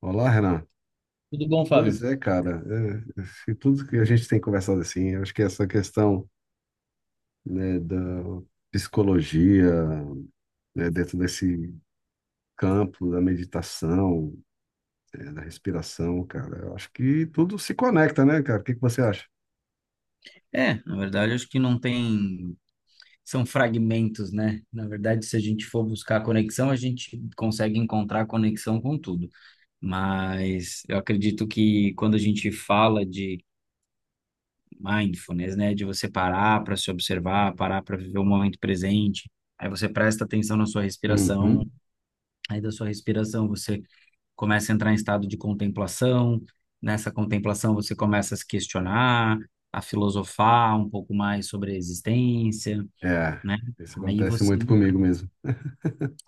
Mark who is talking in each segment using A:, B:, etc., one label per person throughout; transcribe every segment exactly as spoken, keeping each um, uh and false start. A: Olá, Renan.
B: Tudo bom, Fábio?
A: Pois é, cara. É, se tudo que a gente tem conversado assim, eu acho que essa questão, né, da psicologia, né, dentro desse campo da meditação, é, da respiração, cara, eu acho que tudo se conecta, né, cara? O que que você acha?
B: É, na verdade, acho que não tem. São fragmentos, né? Na verdade, se a gente for buscar conexão, a gente consegue encontrar conexão com tudo. Mas eu acredito que quando a gente fala de mindfulness, né? De você parar para se observar, parar para viver o momento presente, aí você presta atenção na sua respiração,
A: Uhum.
B: aí da sua respiração você começa a entrar em estado de contemplação. Nessa contemplação, você começa a se questionar, a filosofar um pouco mais sobre a existência,
A: É,
B: né?
A: isso
B: Aí
A: acontece
B: você
A: muito
B: entra
A: comigo mesmo.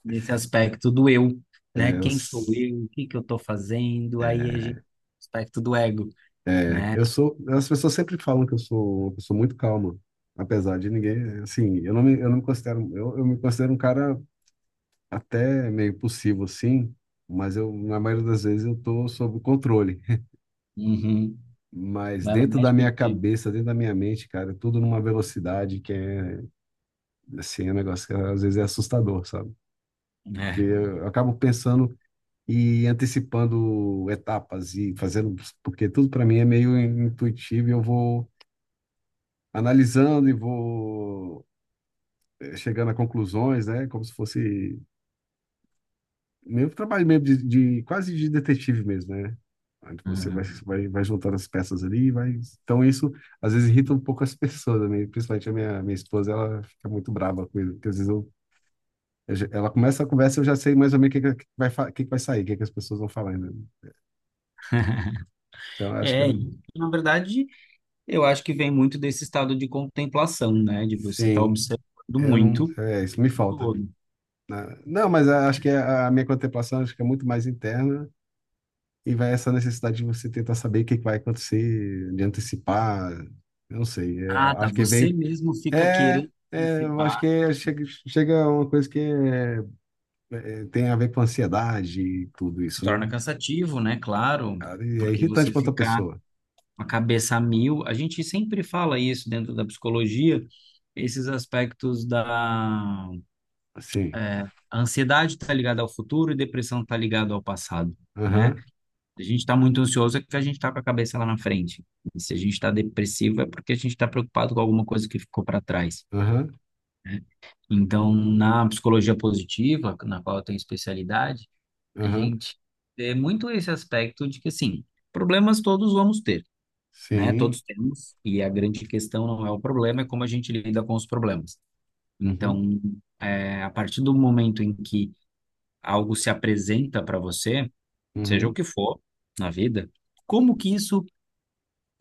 B: nesse aspecto do eu,
A: É,
B: né?
A: eu,
B: Quem sou
A: s-
B: eu? O que que eu estou fazendo? Aí a gente
A: é,
B: aspecto do ego,
A: é,
B: né?
A: Eu sou. As pessoas sempre falam que eu sou uma pessoa muito calma, apesar de ninguém. Assim, eu não me, eu não me considero. Eu, eu me considero um cara. Até meio possível, sim, mas eu, na maioria das vezes, eu tô sob controle.
B: Uhum.
A: Mas
B: Mas não
A: dentro da
B: mexe
A: minha
B: contigo.
A: cabeça, dentro da minha mente, cara, é tudo numa velocidade que é, assim, é um negócio que às vezes é assustador, sabe? Porque
B: É.
A: eu acabo pensando e antecipando etapas e fazendo, porque tudo para mim é meio intuitivo e eu vou analisando e vou eh, chegando a conclusões, né? Como se fosse meio trabalho mesmo de, de- quase de detetive mesmo, né? Aí você vai,
B: Uhum.
A: vai, vai juntando as peças ali, e vai. Então isso às vezes irrita um pouco as pessoas, né? Principalmente a minha, minha esposa, ela fica muito brava com isso, porque às vezes eu, eu já- ela começa a conversa e eu já sei mais ou menos o que, que vai, fa- o que que vai sair, o que que as pessoas vão falar, né? Então eu acho que é,
B: É, e, na verdade, eu acho que vem muito desse estado de contemplação, né? De você estar
A: sim,
B: observando
A: eu não,
B: muito
A: é, isso me
B: o
A: falta, né?
B: todo.
A: Não, mas eu acho que a a minha contemplação acho que é muito mais interna. E vai essa necessidade de você tentar saber o que que vai acontecer, de antecipar, eu não sei, é,
B: Ah, tá.
A: acho que
B: Você
A: vem.
B: mesmo fica
A: É,
B: querendo
A: é, eu acho que
B: participar.
A: é- chega, chega uma coisa que é- é, tem a ver com ansiedade e tudo
B: Se
A: isso, né?
B: torna cansativo, né? Claro,
A: Cara, e é
B: porque
A: irritante
B: você
A: para outra
B: ficar
A: pessoa.
B: com a cabeça a mil. A gente sempre fala isso dentro da psicologia, esses aspectos da
A: Sim.
B: é, a ansiedade está ligada ao futuro e depressão está ligada ao passado, né?
A: Aham,
B: Se a gente está muito ansioso é porque a gente está com a cabeça lá na frente. E se a gente está depressivo é porque a gente está preocupado com alguma coisa que ficou para trás.
A: aham,
B: Então, na psicologia positiva, na qual eu tenho especialidade, a
A: aham.
B: gente vê muito esse aspecto de que, assim, problemas todos vamos ter, né?
A: Sim.
B: Todos temos, e a grande questão não é o problema, é como a gente lida com os problemas.
A: Uhum,
B: Então, é, a partir do momento em que algo se apresenta para você, seja o
A: uhum,
B: que for na vida, como que isso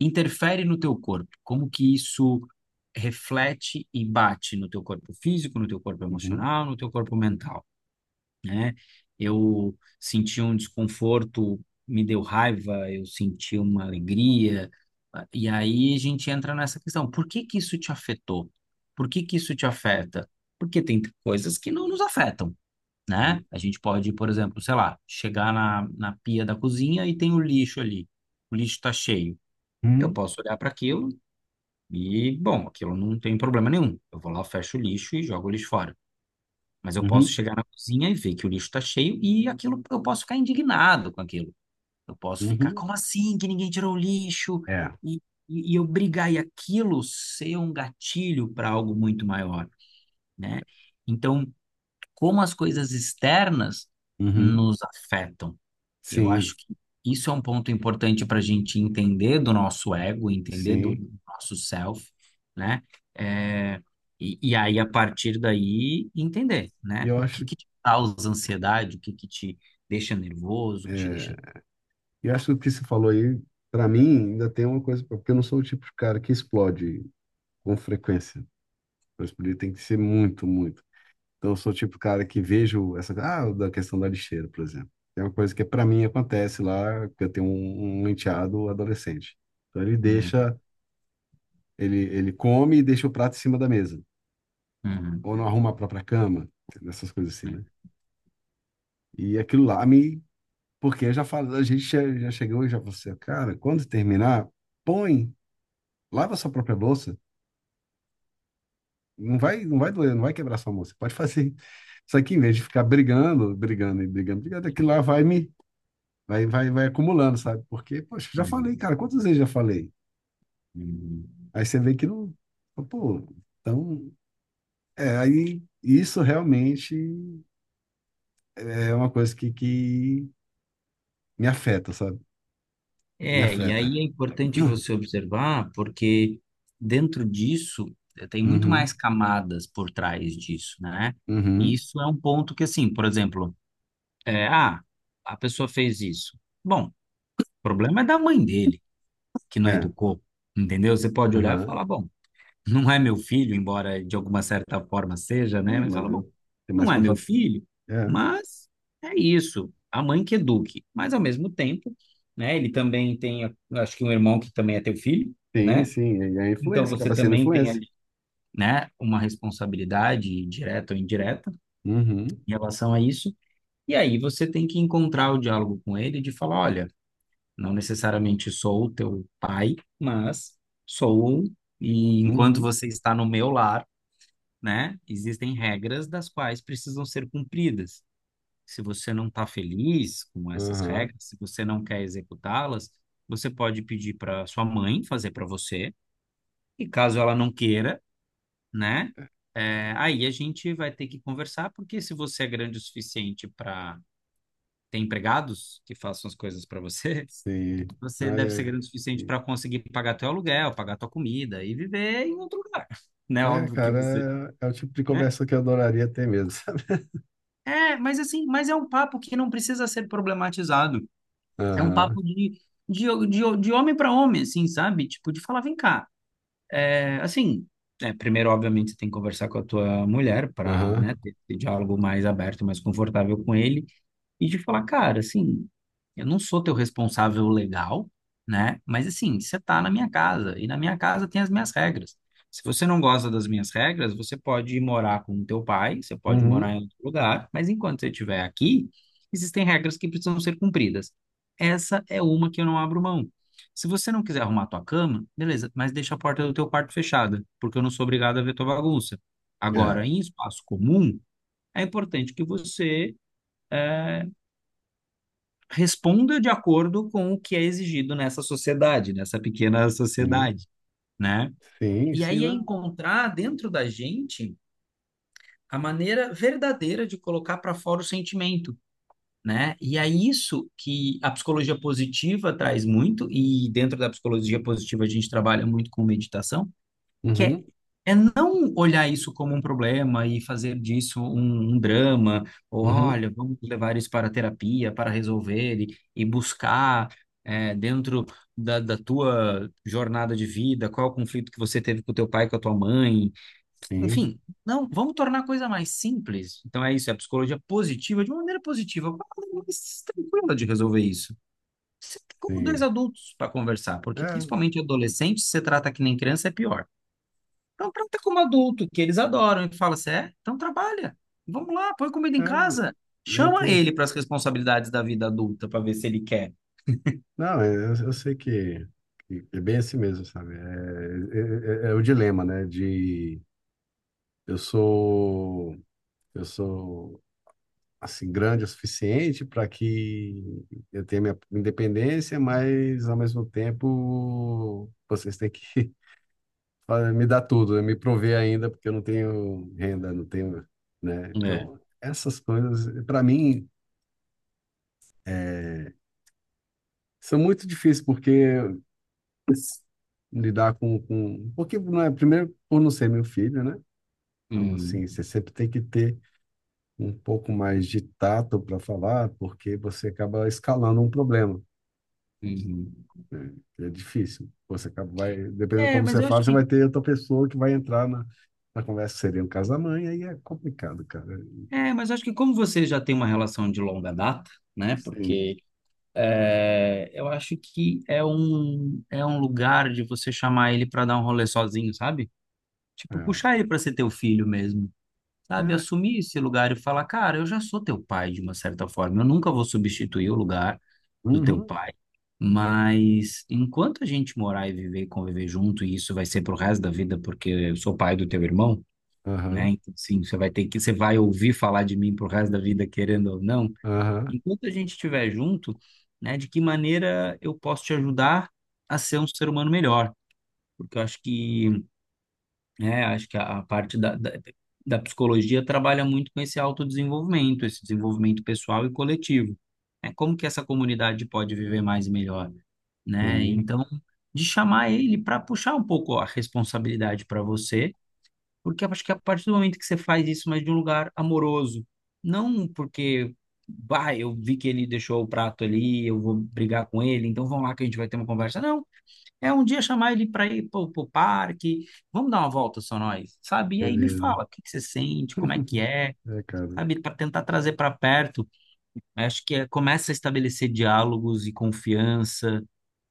B: interfere no teu corpo? Como que isso reflete e bate no teu corpo físico, no teu corpo
A: uhum.
B: emocional, no teu corpo mental? Né? Eu senti um desconforto, me deu raiva, eu senti uma alegria. ah, E aí a gente entra nessa questão: por que que isso te afetou? Por que que isso te afeta? Porque tem coisas que não nos afetam, né?
A: Sim.
B: A gente pode, por exemplo, sei lá, chegar na, na pia da cozinha e tem o lixo ali. O lixo está cheio. Eu
A: Uhum,
B: posso olhar para aquilo e, bom, aquilo não tem problema nenhum. Eu vou lá, fecho o lixo e jogo o lixo fora. Mas eu posso
A: uhum,
B: chegar na cozinha e ver que o lixo está cheio e aquilo eu posso ficar indignado com aquilo. Eu posso ficar,
A: uhum.
B: como assim que ninguém tirou o lixo?
A: É.
B: E, e, e eu brigar e aquilo ser um gatilho para algo muito maior, né? Então, como as coisas externas
A: Uhum.
B: nos afetam, eu
A: Sim,
B: acho que isso é um ponto importante para a gente entender do nosso ego, entender do
A: sim.
B: nosso self, né? É, e, e aí, a partir daí, entender,
A: E
B: né?
A: eu
B: O que
A: acho.
B: que te causa ansiedade, o que que te deixa nervoso, o que te deixa.
A: É, e eu acho que o que você falou aí, para mim, ainda tem uma coisa, porque eu não sou o tipo de cara que explode com frequência. Para explodir tem que ser muito, muito. Então, eu sou o tipo de cara que vejo essa, ah, da questão da lixeira, por exemplo. É uma coisa que para mim acontece lá, porque eu tenho um, um enteado adolescente. Então, ele
B: Uhum,
A: deixa, ele, ele come e deixa o prato em cima da mesa.
B: uhum,
A: Ou não arruma a própria cama, essas coisas assim, né? E aquilo lá me. Porque eu já falo, a gente já já chegou e já falou assim, cara, quando terminar, põe, lava a sua própria bolsa. Não vai, não vai doer, não vai quebrar sua mão. Você pode fazer isso aqui em vez de ficar brigando, brigando e brigando, brigando, aquilo lá vai me vai, vai, vai acumulando, sabe? Porque, poxa, já falei, cara,
B: uhum,
A: quantas vezes já falei?
B: uhum.
A: Aí você vê que não, pô, então, é, aí isso realmente é uma coisa que, que me afeta, sabe? Me
B: É, e aí
A: afeta.
B: é importante você observar, porque dentro disso eh, tem muito mais
A: Uhum,
B: camadas por trás disso, né? E
A: uhum,
B: isso é um ponto que, assim, por exemplo. É, ah, a pessoa fez isso. Bom, o problema é da mãe dele, que não
A: é,
B: educou, entendeu? Você pode olhar e
A: uhum.
B: falar, bom, não é meu filho, embora de alguma certa forma seja, né?
A: Sim,
B: Mas
A: mas
B: fala, bom,
A: eu tenho mais
B: não é meu
A: contato.
B: filho,
A: É,
B: mas é isso, a mãe que eduque. Mas ao mesmo tempo, né, ele também tem, acho que um irmão que também é teu filho,
A: sim,
B: né?
A: sim, e a
B: Então
A: influência,
B: você
A: acaba sendo
B: também tem
A: influência.
B: ali, né, uma responsabilidade direta ou indireta
A: Uhum,
B: em relação a isso. E aí você tem que encontrar o diálogo com ele de falar, olha, não necessariamente sou o teu pai, mas sou, e enquanto
A: uhum,
B: você está no meu lar, né, existem regras das quais precisam ser cumpridas. Se você não está feliz com essas
A: aham.
B: regras, se você não quer executá-las, você pode pedir para sua mãe fazer para você, e caso ela não queira, né, é, aí a gente vai ter que conversar, porque se você é grande o suficiente para ter empregados que façam as coisas para você,
A: Sim.
B: você
A: Ai,
B: deve ser grande o suficiente
A: ai.
B: para conseguir pagar teu aluguel, pagar tua comida e viver em outro lugar, né?
A: É,
B: Óbvio que você,
A: cara, é, é o tipo de
B: né?
A: conversa que eu adoraria ter mesmo, sabe?
B: É, mas assim, mas é um papo que não precisa ser problematizado. É um
A: Aham,
B: papo de, de, de, de homem para homem, assim, sabe? Tipo, de falar, vem cá. É, assim, é, primeiro, obviamente, você tem que conversar com a tua mulher para,
A: aham,
B: né, ter esse diálogo mais aberto, mais confortável com ele. E de falar, cara, assim, eu não sou teu responsável legal, né? Mas assim, você tá na minha casa e na minha casa tem as minhas regras. Se você não gosta das minhas regras, você pode ir morar com o teu pai, você pode morar
A: uhum,
B: em outro lugar, mas enquanto você estiver aqui, existem regras que precisam ser cumpridas. Essa é uma que eu não abro mão. Se você não quiser arrumar tua cama, beleza, mas deixa a porta do teu quarto fechada, porque eu não sou obrigado a ver tua bagunça.
A: é,
B: Agora, em espaço comum, é importante que você eh, responda de acordo com o que é exigido nessa sociedade, nessa pequena
A: sim,
B: sociedade, né?
A: sim,
B: E
A: sim,
B: aí é
A: não,
B: encontrar dentro da gente a maneira verdadeira de colocar para fora o sentimento, né? E é isso que a psicologia positiva traz muito, e dentro da psicologia positiva a gente trabalha muito com meditação, que é,
A: uhum,
B: é não olhar isso como um problema e fazer disso um, um drama, ou
A: uhum,
B: olha, vamos levar isso para a terapia para resolver e, e buscar é, dentro da, da tua jornada de vida, qual é o conflito que você teve com o teu pai, com a tua mãe,
A: sim,
B: enfim, não, vamos tornar a coisa mais simples. Então é isso, é a psicologia positiva, de uma maneira positiva, uma maneira mais tranquila de resolver isso. Sempre como dois
A: sim,
B: adultos para conversar, porque
A: é,
B: principalmente adolescente, se você trata que nem criança, é pior. Então trata como adulto, que eles adoram. E fala assim, é? Então trabalha. Vamos lá, põe comida em
A: é,
B: casa.
A: eu
B: Chama
A: tenho, isso.
B: ele para as responsabilidades da vida adulta para ver se ele quer.
A: Não, é, eu, eu sei que, que é bem assim mesmo, sabe? É, é, é- é o dilema, né, de eu sou, eu sou assim grande o suficiente para que eu tenha minha independência, mas ao mesmo tempo vocês têm que fa- me dar tudo, né? Me prover ainda, porque eu não tenho renda, não tenho, né?
B: É.
A: Então, essas coisas, para mim, é, são muito difíceis, porque s- lidar com, com... Porque, não é, primeiro, por não ser meu filho, né? Então,
B: Uhum,
A: assim, você sempre tem que ter um pouco mais de tato para falar, porque você acaba escalando um problema.
B: uhum.
A: É difícil. Você acaba- vai, dependendo de
B: É,
A: como
B: mas
A: você
B: eu
A: fala,
B: acho
A: você vai
B: que,
A: ter outra pessoa que vai entrar na, na conversa, que seria no caso da mãe, aí é complicado, cara.
B: É, mas eu acho que como você já tem uma relação de longa data, né?
A: Sim.
B: Porque é, eu acho que é um, é um lugar de você chamar ele para dar um rolê sozinho, sabe? Tipo, puxar
A: É.
B: ele para ser teu filho mesmo. Sabe,
A: É.
B: assumir esse lugar e falar, cara, eu já sou teu pai de uma certa forma, eu nunca vou substituir o lugar do teu
A: Uhum.
B: pai, mas enquanto a gente morar e viver e conviver junto, e isso vai ser pro resto da vida, porque eu sou pai do teu irmão, né?
A: Aham.
B: Então, sim, você vai ter que, você vai ouvir falar de mim pro resto da vida, querendo ou não.
A: Aham.
B: Enquanto a gente estiver junto, né, de que maneira eu posso te ajudar a ser um ser humano melhor? Porque eu acho que é, acho que a, a parte da, da, da psicologia trabalha muito com esse autodesenvolvimento, esse desenvolvimento pessoal e coletivo. É como que essa comunidade pode viver mais e melhor, né?
A: Sim.
B: Então, de chamar ele para puxar um pouco a responsabilidade para você, porque eu acho que a partir do momento que você faz isso, mas de um lugar amoroso, não porque, bah, eu vi que ele deixou o prato ali, eu vou brigar com ele, então vamos lá que a gente vai ter uma conversa. Não, é um dia chamar ele para ir pro, pro parque, vamos dar uma volta só nós, sabe? E aí me
A: Beleza.
B: fala, o que que você sente, como é que é,
A: É, cara.
B: sabe? Para tentar trazer para perto. Acho que é, começa a estabelecer diálogos e confiança,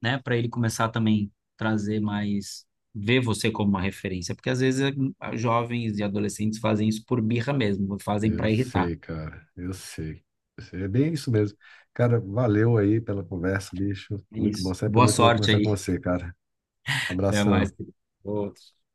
B: né? Para ele começar também trazer mais, ver você como uma referência, porque às vezes eh, jovens e adolescentes fazem isso por birra mesmo, fazem
A: Eu
B: para irritar.
A: sei, cara. Eu sei. Eu sei. É bem isso mesmo. Cara, valeu aí pela conversa, bicho.
B: É
A: Muito bom.
B: isso.
A: Sempre
B: Boa
A: muito bom
B: sorte
A: conversar com
B: aí.
A: você, cara.
B: Até mais,
A: Abração.
B: querido. Outro.